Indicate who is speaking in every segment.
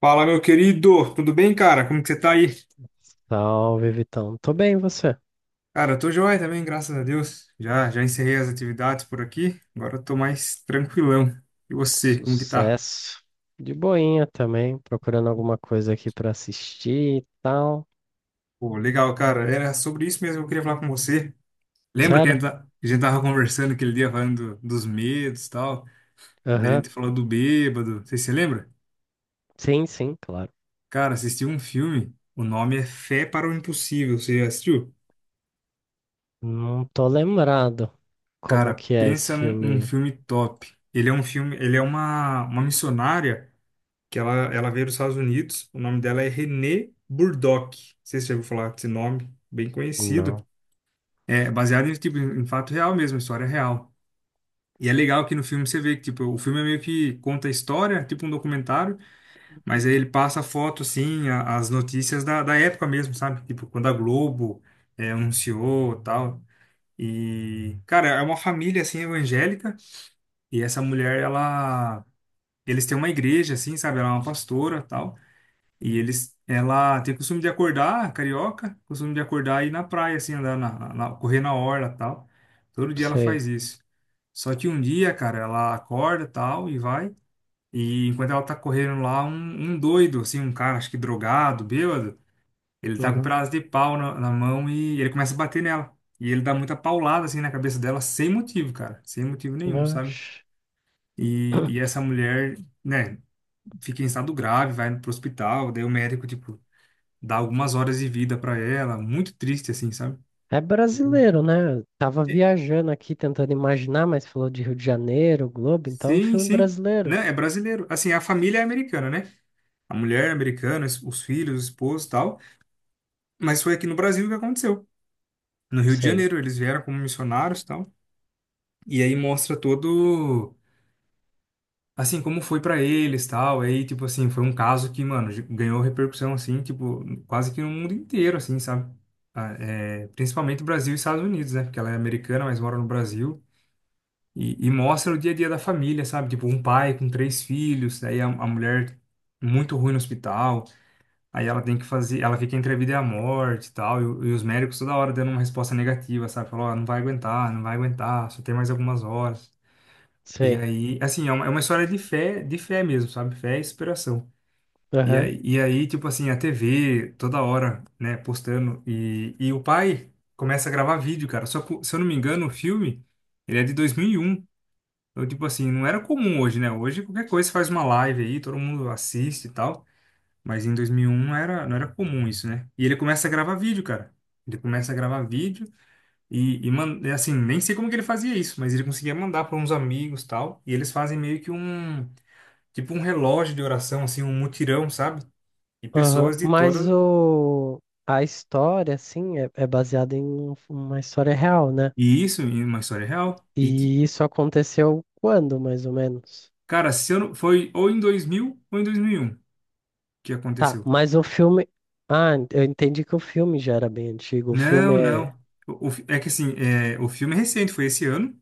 Speaker 1: Fala, meu querido, tudo bem, cara? Como que você tá aí?
Speaker 2: Salve, Vitão. Tô bem, e você?
Speaker 1: Cara, eu tô joia também, graças a Deus. Já encerrei as atividades por aqui, agora eu tô mais tranquilão. E você, como que tá?
Speaker 2: Sucesso. De boinha também, procurando alguma coisa aqui pra assistir e tal.
Speaker 1: Pô, legal, cara. Era sobre isso mesmo que eu queria falar com você. Lembra que
Speaker 2: Sério?
Speaker 1: a gente tava conversando aquele dia falando dos medos e tal? Daí a
Speaker 2: Aham.
Speaker 1: gente falou do bêbado. Você se lembra?
Speaker 2: Sim, sim, claro.
Speaker 1: Cara, assisti um filme, o nome é Fé para o Impossível. Você já assistiu?
Speaker 2: Não tô lembrado como
Speaker 1: Cara,
Speaker 2: que é esse
Speaker 1: pensa num
Speaker 2: filme.
Speaker 1: filme top. Ele é um filme, ele é uma missionária que ela veio dos Estados Unidos. O nome dela é Renée Burdock. Não sei se você já ouviu falar desse nome, bem conhecido.
Speaker 2: Não
Speaker 1: É baseado em, tipo, em fato real mesmo, história real. E é legal que no filme você vê que tipo, o filme é meio que conta a história, tipo um documentário, mas aí ele passa a foto, assim, as notícias da época mesmo, sabe? Tipo, quando a Globo é, anunciou e tal. E, cara, é uma família, assim, evangélica, e essa mulher, ela... Eles têm uma igreja, assim, sabe? Ela é uma pastora, e tal. E eles, ela tem costume de acordar, carioca, costume de acordar e ir na praia, assim, andar correr na orla, tal. Todo dia ela
Speaker 2: sei.
Speaker 1: faz isso. Só que um dia, cara, ela acorda, tal, e vai. E enquanto ela tá correndo lá, um doido, assim, um cara, acho que drogado, bêbado, ele tá com um
Speaker 2: Uhum.
Speaker 1: pedaço de pau na mão e ele começa a bater nela. E ele dá muita paulada, assim, na cabeça dela, sem motivo, cara, sem motivo nenhum, sabe?
Speaker 2: Oxe.
Speaker 1: E essa mulher, né, fica em estado grave, vai pro hospital, daí o médico, tipo, dá algumas horas de vida para ela, muito triste assim, sabe?
Speaker 2: É
Speaker 1: Uhum.
Speaker 2: brasileiro, né? Eu tava
Speaker 1: É,
Speaker 2: viajando aqui tentando imaginar, mas falou de Rio de Janeiro, Globo, então é um
Speaker 1: sim,
Speaker 2: filme
Speaker 1: sim.
Speaker 2: brasileiro.
Speaker 1: Né? É brasileiro. Assim, a família é americana, né? A mulher é americana, os filhos, o esposo e tal. Mas foi aqui no Brasil que aconteceu. No Rio de
Speaker 2: Sei,
Speaker 1: Janeiro, eles vieram como missionários e tal. E aí mostra todo, assim, como foi pra eles tal. Aí, tipo assim, foi um caso que, mano, ganhou repercussão, assim, tipo, quase que no mundo inteiro, assim, sabe? Ah, é, principalmente Brasil e Estados Unidos, né? Porque ela é americana, mas mora no Brasil. E mostra o dia a dia da família, sabe? Tipo, um pai com três filhos, aí a mulher muito ruim no hospital, aí ela tem que fazer, ela fica entre a vida e a morte e tal, e, e os médicos toda hora dando uma resposta negativa, sabe? Falou, ó, não vai aguentar, não vai aguentar, só tem mais algumas horas. E
Speaker 2: sei.
Speaker 1: aí, assim, é uma história de fé mesmo, sabe? Fé e inspiração. E aí, tipo assim, a TV toda hora, né, postando, e o pai começa a gravar vídeo, cara. Só que, se eu não me engano, o filme, ele é de 2001. Então, tipo assim, não era comum hoje, né? Hoje qualquer coisa você faz uma live aí, todo mundo assiste e tal. Mas em 2001 não era comum isso, né? E ele começa a gravar vídeo, cara. Ele começa a gravar vídeo e, assim, nem sei como que ele fazia isso, mas ele conseguia mandar para uns amigos e tal. E eles fazem meio que um, tipo um relógio de oração, assim, um mutirão, sabe? E
Speaker 2: Aham,
Speaker 1: pessoas de
Speaker 2: Mas
Speaker 1: toda.
Speaker 2: o... a história, assim, é baseada em uma história real, né?
Speaker 1: E isso em uma história real.
Speaker 2: E isso aconteceu quando, mais ou menos?
Speaker 1: Cara, se eu não... foi ou em 2000 ou em 2001 que
Speaker 2: Tá,
Speaker 1: aconteceu.
Speaker 2: mas o filme. Ah, eu entendi que o filme já era bem antigo. O filme
Speaker 1: Não,
Speaker 2: é.
Speaker 1: não. É que assim, é, o filme é recente, foi esse ano,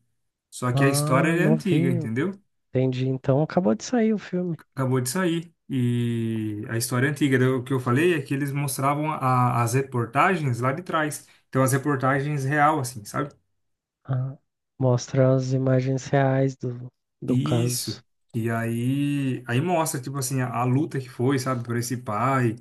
Speaker 1: só que a história
Speaker 2: Ah,
Speaker 1: é antiga,
Speaker 2: novinho.
Speaker 1: entendeu?
Speaker 2: Entendi. Então acabou de sair o filme.
Speaker 1: Acabou de sair. E a história é antiga. Daí o que eu falei é que eles mostravam as reportagens lá de trás. Então, as reportagens real, assim, sabe?
Speaker 2: Ah, mostra as imagens reais do caso.
Speaker 1: Isso. E aí mostra, tipo assim, a luta que foi, sabe? Por esse pai,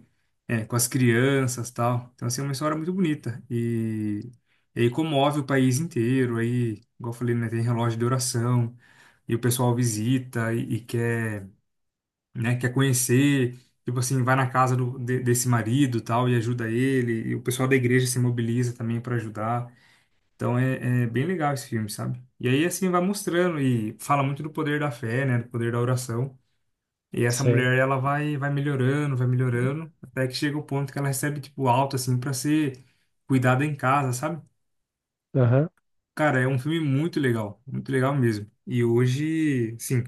Speaker 1: é, com as crianças tal. Então, assim, é uma história muito bonita. E aí comove o país inteiro. Aí, igual eu falei, né? Tem relógio de oração, e o pessoal visita e quer, né, quer conhecer, tipo assim, vai na casa desse marido tal e ajuda ele, e o pessoal da igreja se mobiliza também para ajudar. Então é bem legal esse filme, sabe? E aí assim vai mostrando e fala muito do poder da fé, né, do poder da oração. E essa
Speaker 2: Sei.
Speaker 1: mulher ela vai melhorando, vai melhorando, até que chega o ponto que ela recebe tipo alta assim para ser cuidada em casa, sabe?
Speaker 2: Aham.
Speaker 1: Cara, é um filme muito legal mesmo. E hoje, sim,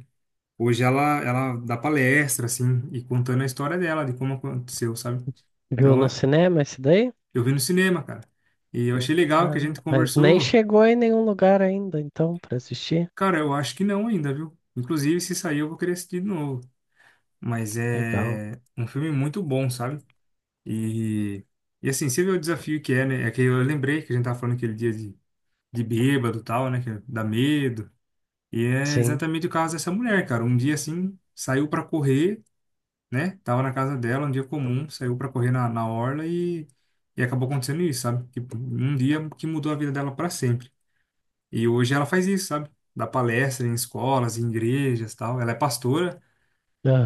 Speaker 1: hoje ela dá palestra, assim, e contando a história dela, de como aconteceu, sabe?
Speaker 2: Viu
Speaker 1: Então,
Speaker 2: no
Speaker 1: é-
Speaker 2: cinema esse daí?
Speaker 1: eu vi no cinema, cara. E eu achei legal que a
Speaker 2: Ah,
Speaker 1: gente
Speaker 2: mas nem
Speaker 1: conversou.
Speaker 2: chegou em nenhum lugar ainda, então, pra assistir.
Speaker 1: Cara, eu acho que não ainda, viu? Inclusive, se sair, eu vou querer assistir de novo. Mas
Speaker 2: Legal.
Speaker 1: é um filme muito bom, sabe? E, e assim, você vê o desafio que é, né? É que eu lembrei que a gente tava falando aquele dia de bêbado e tal, né? Que dá medo. E é
Speaker 2: Sim.
Speaker 1: exatamente o caso dessa mulher, cara. Um dia, assim, saiu pra correr, né? Tava na casa dela, um dia comum, saiu pra correr na orla e acabou acontecendo isso, sabe? Tipo, um dia que mudou a vida dela pra sempre. E hoje ela faz isso, sabe? Dá palestra em escolas, em igrejas, tal. Ela é pastora,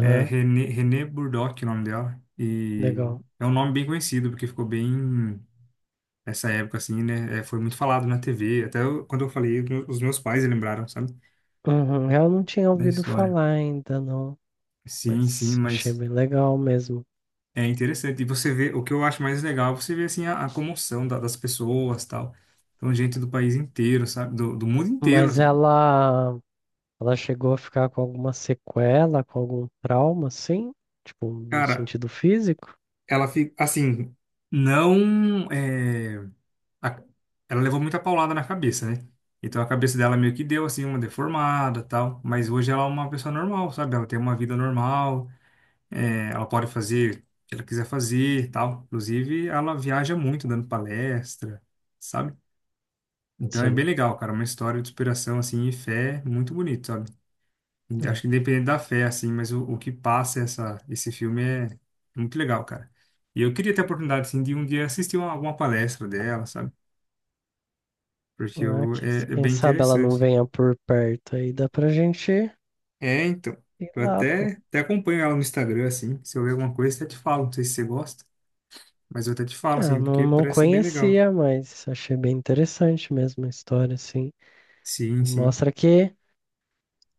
Speaker 1: é René Burdock, o nome dela. E
Speaker 2: legal.
Speaker 1: é um nome bem conhecido, porque ficou bem essa época assim, né? É, foi muito falado na TV. Quando eu falei, os meus pais lembraram, sabe?
Speaker 2: Uhum. Eu não tinha
Speaker 1: Da
Speaker 2: ouvido
Speaker 1: história.
Speaker 2: falar ainda, não.
Speaker 1: Sim, sim,
Speaker 2: Mas achei
Speaker 1: mas
Speaker 2: bem legal mesmo.
Speaker 1: é interessante. E você vê, o que eu acho mais legal, você vê assim a comoção das pessoas, tal. Então, gente do país inteiro, sabe? Do mundo inteiro,
Speaker 2: Mas
Speaker 1: assim.
Speaker 2: ela chegou a ficar com alguma sequela, com algum trauma, sim? Tipo, no
Speaker 1: Cara,
Speaker 2: sentido físico?
Speaker 1: ela fica assim, não é, a- ela levou muita paulada na cabeça, né? Então a cabeça dela meio que deu assim uma deformada, tal, mas hoje ela é uma pessoa normal, sabe? Ela tem uma vida normal, é, ela pode fazer o que ela quiser fazer, tal. Inclusive, ela viaja muito dando palestra, sabe? Então é
Speaker 2: Sim.
Speaker 1: bem legal, cara. Uma história de superação, assim, e fé muito bonito, sabe? Acho
Speaker 2: É.
Speaker 1: que independente da fé, assim, mas o que passa essa, esse filme é muito legal, cara. E eu queria ter a oportunidade, assim, de um dia assistir uma, alguma palestra dela, sabe? Porque
Speaker 2: Ah,
Speaker 1: eu, é, é
Speaker 2: quem
Speaker 1: bem
Speaker 2: sabe ela não
Speaker 1: interessante.
Speaker 2: venha por perto aí, dá pra gente
Speaker 1: É, então.
Speaker 2: ir lá, pô.
Speaker 1: Até acompanho ela no Instagram, assim. Se eu ver alguma coisa, até te falo. Não sei se você gosta, mas eu até te falo,
Speaker 2: É, eu
Speaker 1: assim,
Speaker 2: não,
Speaker 1: porque
Speaker 2: não
Speaker 1: parece ser bem legal.
Speaker 2: conhecia, mas achei bem interessante mesmo a história, assim.
Speaker 1: Sim,
Speaker 2: E
Speaker 1: sim.
Speaker 2: mostra que,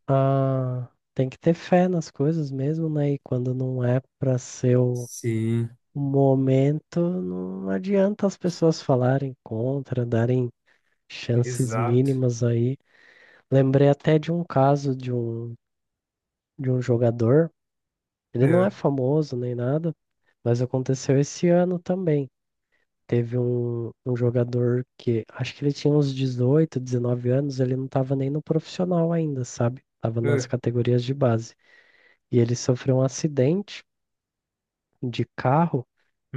Speaker 2: ah, tem que ter fé nas coisas mesmo, né? E quando não é para ser o
Speaker 1: Sim.
Speaker 2: o momento, não adianta as pessoas falarem contra, darem chances
Speaker 1: Exato.
Speaker 2: mínimas aí. Lembrei até de um caso de um jogador, ele não é
Speaker 1: É.
Speaker 2: famoso nem nada, mas aconteceu esse ano também. Teve um jogador que acho que ele tinha uns 18, 19 anos, ele não estava nem no profissional ainda, sabe? Tava nas
Speaker 1: É.
Speaker 2: categorias de base. E ele sofreu um acidente de carro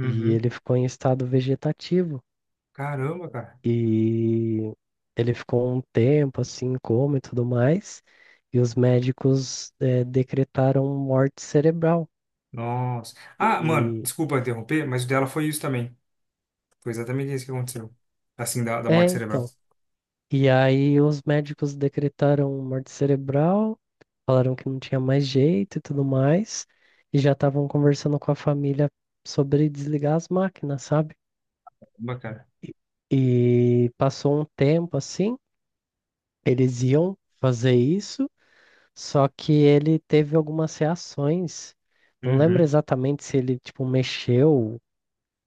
Speaker 2: e ele ficou em estado vegetativo.
Speaker 1: Caramba, cara.
Speaker 2: E ele ficou um tempo assim, em coma e tudo mais. E os médicos decretaram morte cerebral.
Speaker 1: Nossa. Ah, mano,
Speaker 2: E
Speaker 1: desculpa interromper, mas o dela foi isso também. Foi exatamente isso que aconteceu. Assim, da
Speaker 2: é,
Speaker 1: morte cerebral.
Speaker 2: então. E aí os médicos decretaram morte cerebral, falaram que não tinha mais jeito e tudo mais. E já estavam conversando com a família sobre desligar as máquinas, sabe?
Speaker 1: Bacana.
Speaker 2: E e passou um tempo assim, eles iam fazer isso, só que ele teve algumas reações. Não lembro
Speaker 1: Uhum.
Speaker 2: exatamente se ele, tipo, mexeu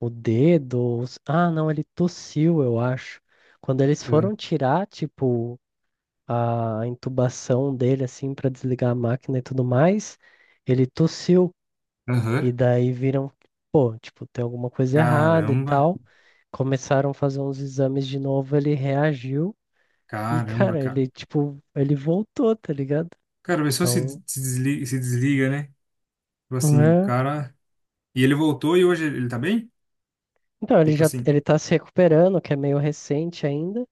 Speaker 2: o dedo, ou se- ah, não, ele tossiu, eu acho. Quando eles
Speaker 1: Uhum.
Speaker 2: foram tirar, tipo, a intubação dele, assim, pra desligar a máquina e tudo mais, ele tossiu. E
Speaker 1: Aham.
Speaker 2: daí viram, pô, tipo, tem alguma coisa errada e
Speaker 1: Caramba.
Speaker 2: tal. Começaram a fazer uns exames de novo, ele reagiu. E,
Speaker 1: Caramba,
Speaker 2: cara,
Speaker 1: cara.
Speaker 2: ele, tipo, ele voltou, tá ligado?
Speaker 1: Cara, a pessoa se,
Speaker 2: Então,
Speaker 1: se desliga, né? Tipo assim, o
Speaker 2: é.
Speaker 1: cara. E ele voltou e hoje ele tá bem?
Speaker 2: Então, ele
Speaker 1: Tipo
Speaker 2: já
Speaker 1: assim,
Speaker 2: ele tá se recuperando, que é meio recente ainda,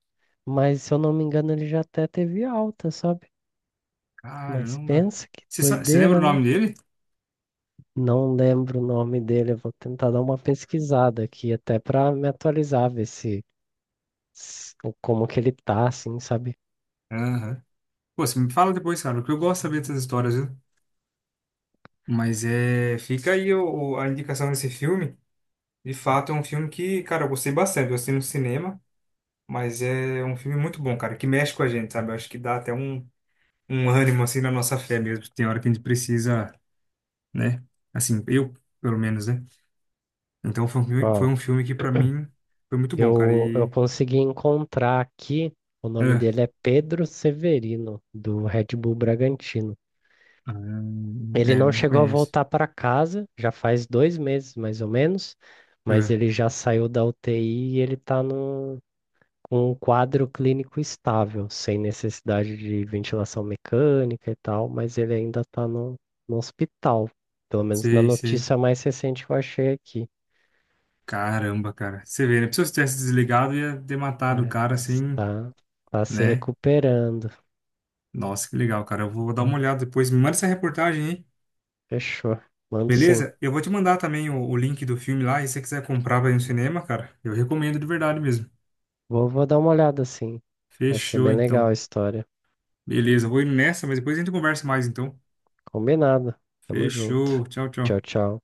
Speaker 2: mas se eu não me engano, ele já até teve alta, sabe? Mas
Speaker 1: caramba.
Speaker 2: pensa que
Speaker 1: Você lembra o
Speaker 2: doideira, né?
Speaker 1: nome dele?
Speaker 2: Não lembro o nome dele, eu vou tentar dar uma pesquisada aqui até pra me atualizar, ver se- como que ele tá, assim, sabe?
Speaker 1: Aham. Pô, você me fala depois, cara, porque eu gosto de saber dessas histórias, viu? Mas é. Fica aí a indicação desse filme. De fato, é um filme que, cara, eu gostei bastante. Eu assisti no cinema, mas é um filme muito bom, cara, que mexe com a gente, sabe? Eu acho que dá até um, um ânimo, assim, na nossa fé mesmo. Tem hora que a gente precisa, né? Assim, eu, pelo menos, né? Então, foi
Speaker 2: Ó,
Speaker 1: um filme que, pra mim, foi muito bom, cara.
Speaker 2: eu
Speaker 1: E.
Speaker 2: consegui encontrar aqui, o nome
Speaker 1: É,
Speaker 2: dele é Pedro Severino, do Red Bull Bragantino.
Speaker 1: ah,
Speaker 2: Ele
Speaker 1: é,
Speaker 2: não
Speaker 1: não
Speaker 2: chegou a
Speaker 1: conheço.
Speaker 2: voltar para casa, já faz 2 meses mais ou menos, mas
Speaker 1: É,
Speaker 2: ele já saiu da UTI e ele está com um quadro clínico estável, sem necessidade de ventilação mecânica e tal, mas ele ainda está no hospital. Pelo menos na
Speaker 1: sei, sei.
Speaker 2: notícia mais recente que eu achei aqui.
Speaker 1: Caramba, cara. Você vê, né? Se eu tivesse desligado, ia ter matado o
Speaker 2: É,
Speaker 1: cara,
Speaker 2: mas
Speaker 1: assim,
Speaker 2: está tá tá se
Speaker 1: né?
Speaker 2: recuperando.
Speaker 1: Nossa, que legal, cara. Eu vou dar uma olhada depois. Me manda essa reportagem, hein?
Speaker 2: Fechou. Mando sim.
Speaker 1: Beleza? Eu vou te mandar também o link do filme lá, e se você quiser comprar pra ir no cinema, cara, eu recomendo de verdade mesmo.
Speaker 2: Vou dar uma olhada sim. Achei
Speaker 1: Fechou,
Speaker 2: bem
Speaker 1: então.
Speaker 2: legal a história.
Speaker 1: Beleza, eu vou indo nessa, mas depois a gente conversa mais, então.
Speaker 2: Combinado. Tamo junto.
Speaker 1: Fechou, tchau, tchau.
Speaker 2: Tchau, tchau.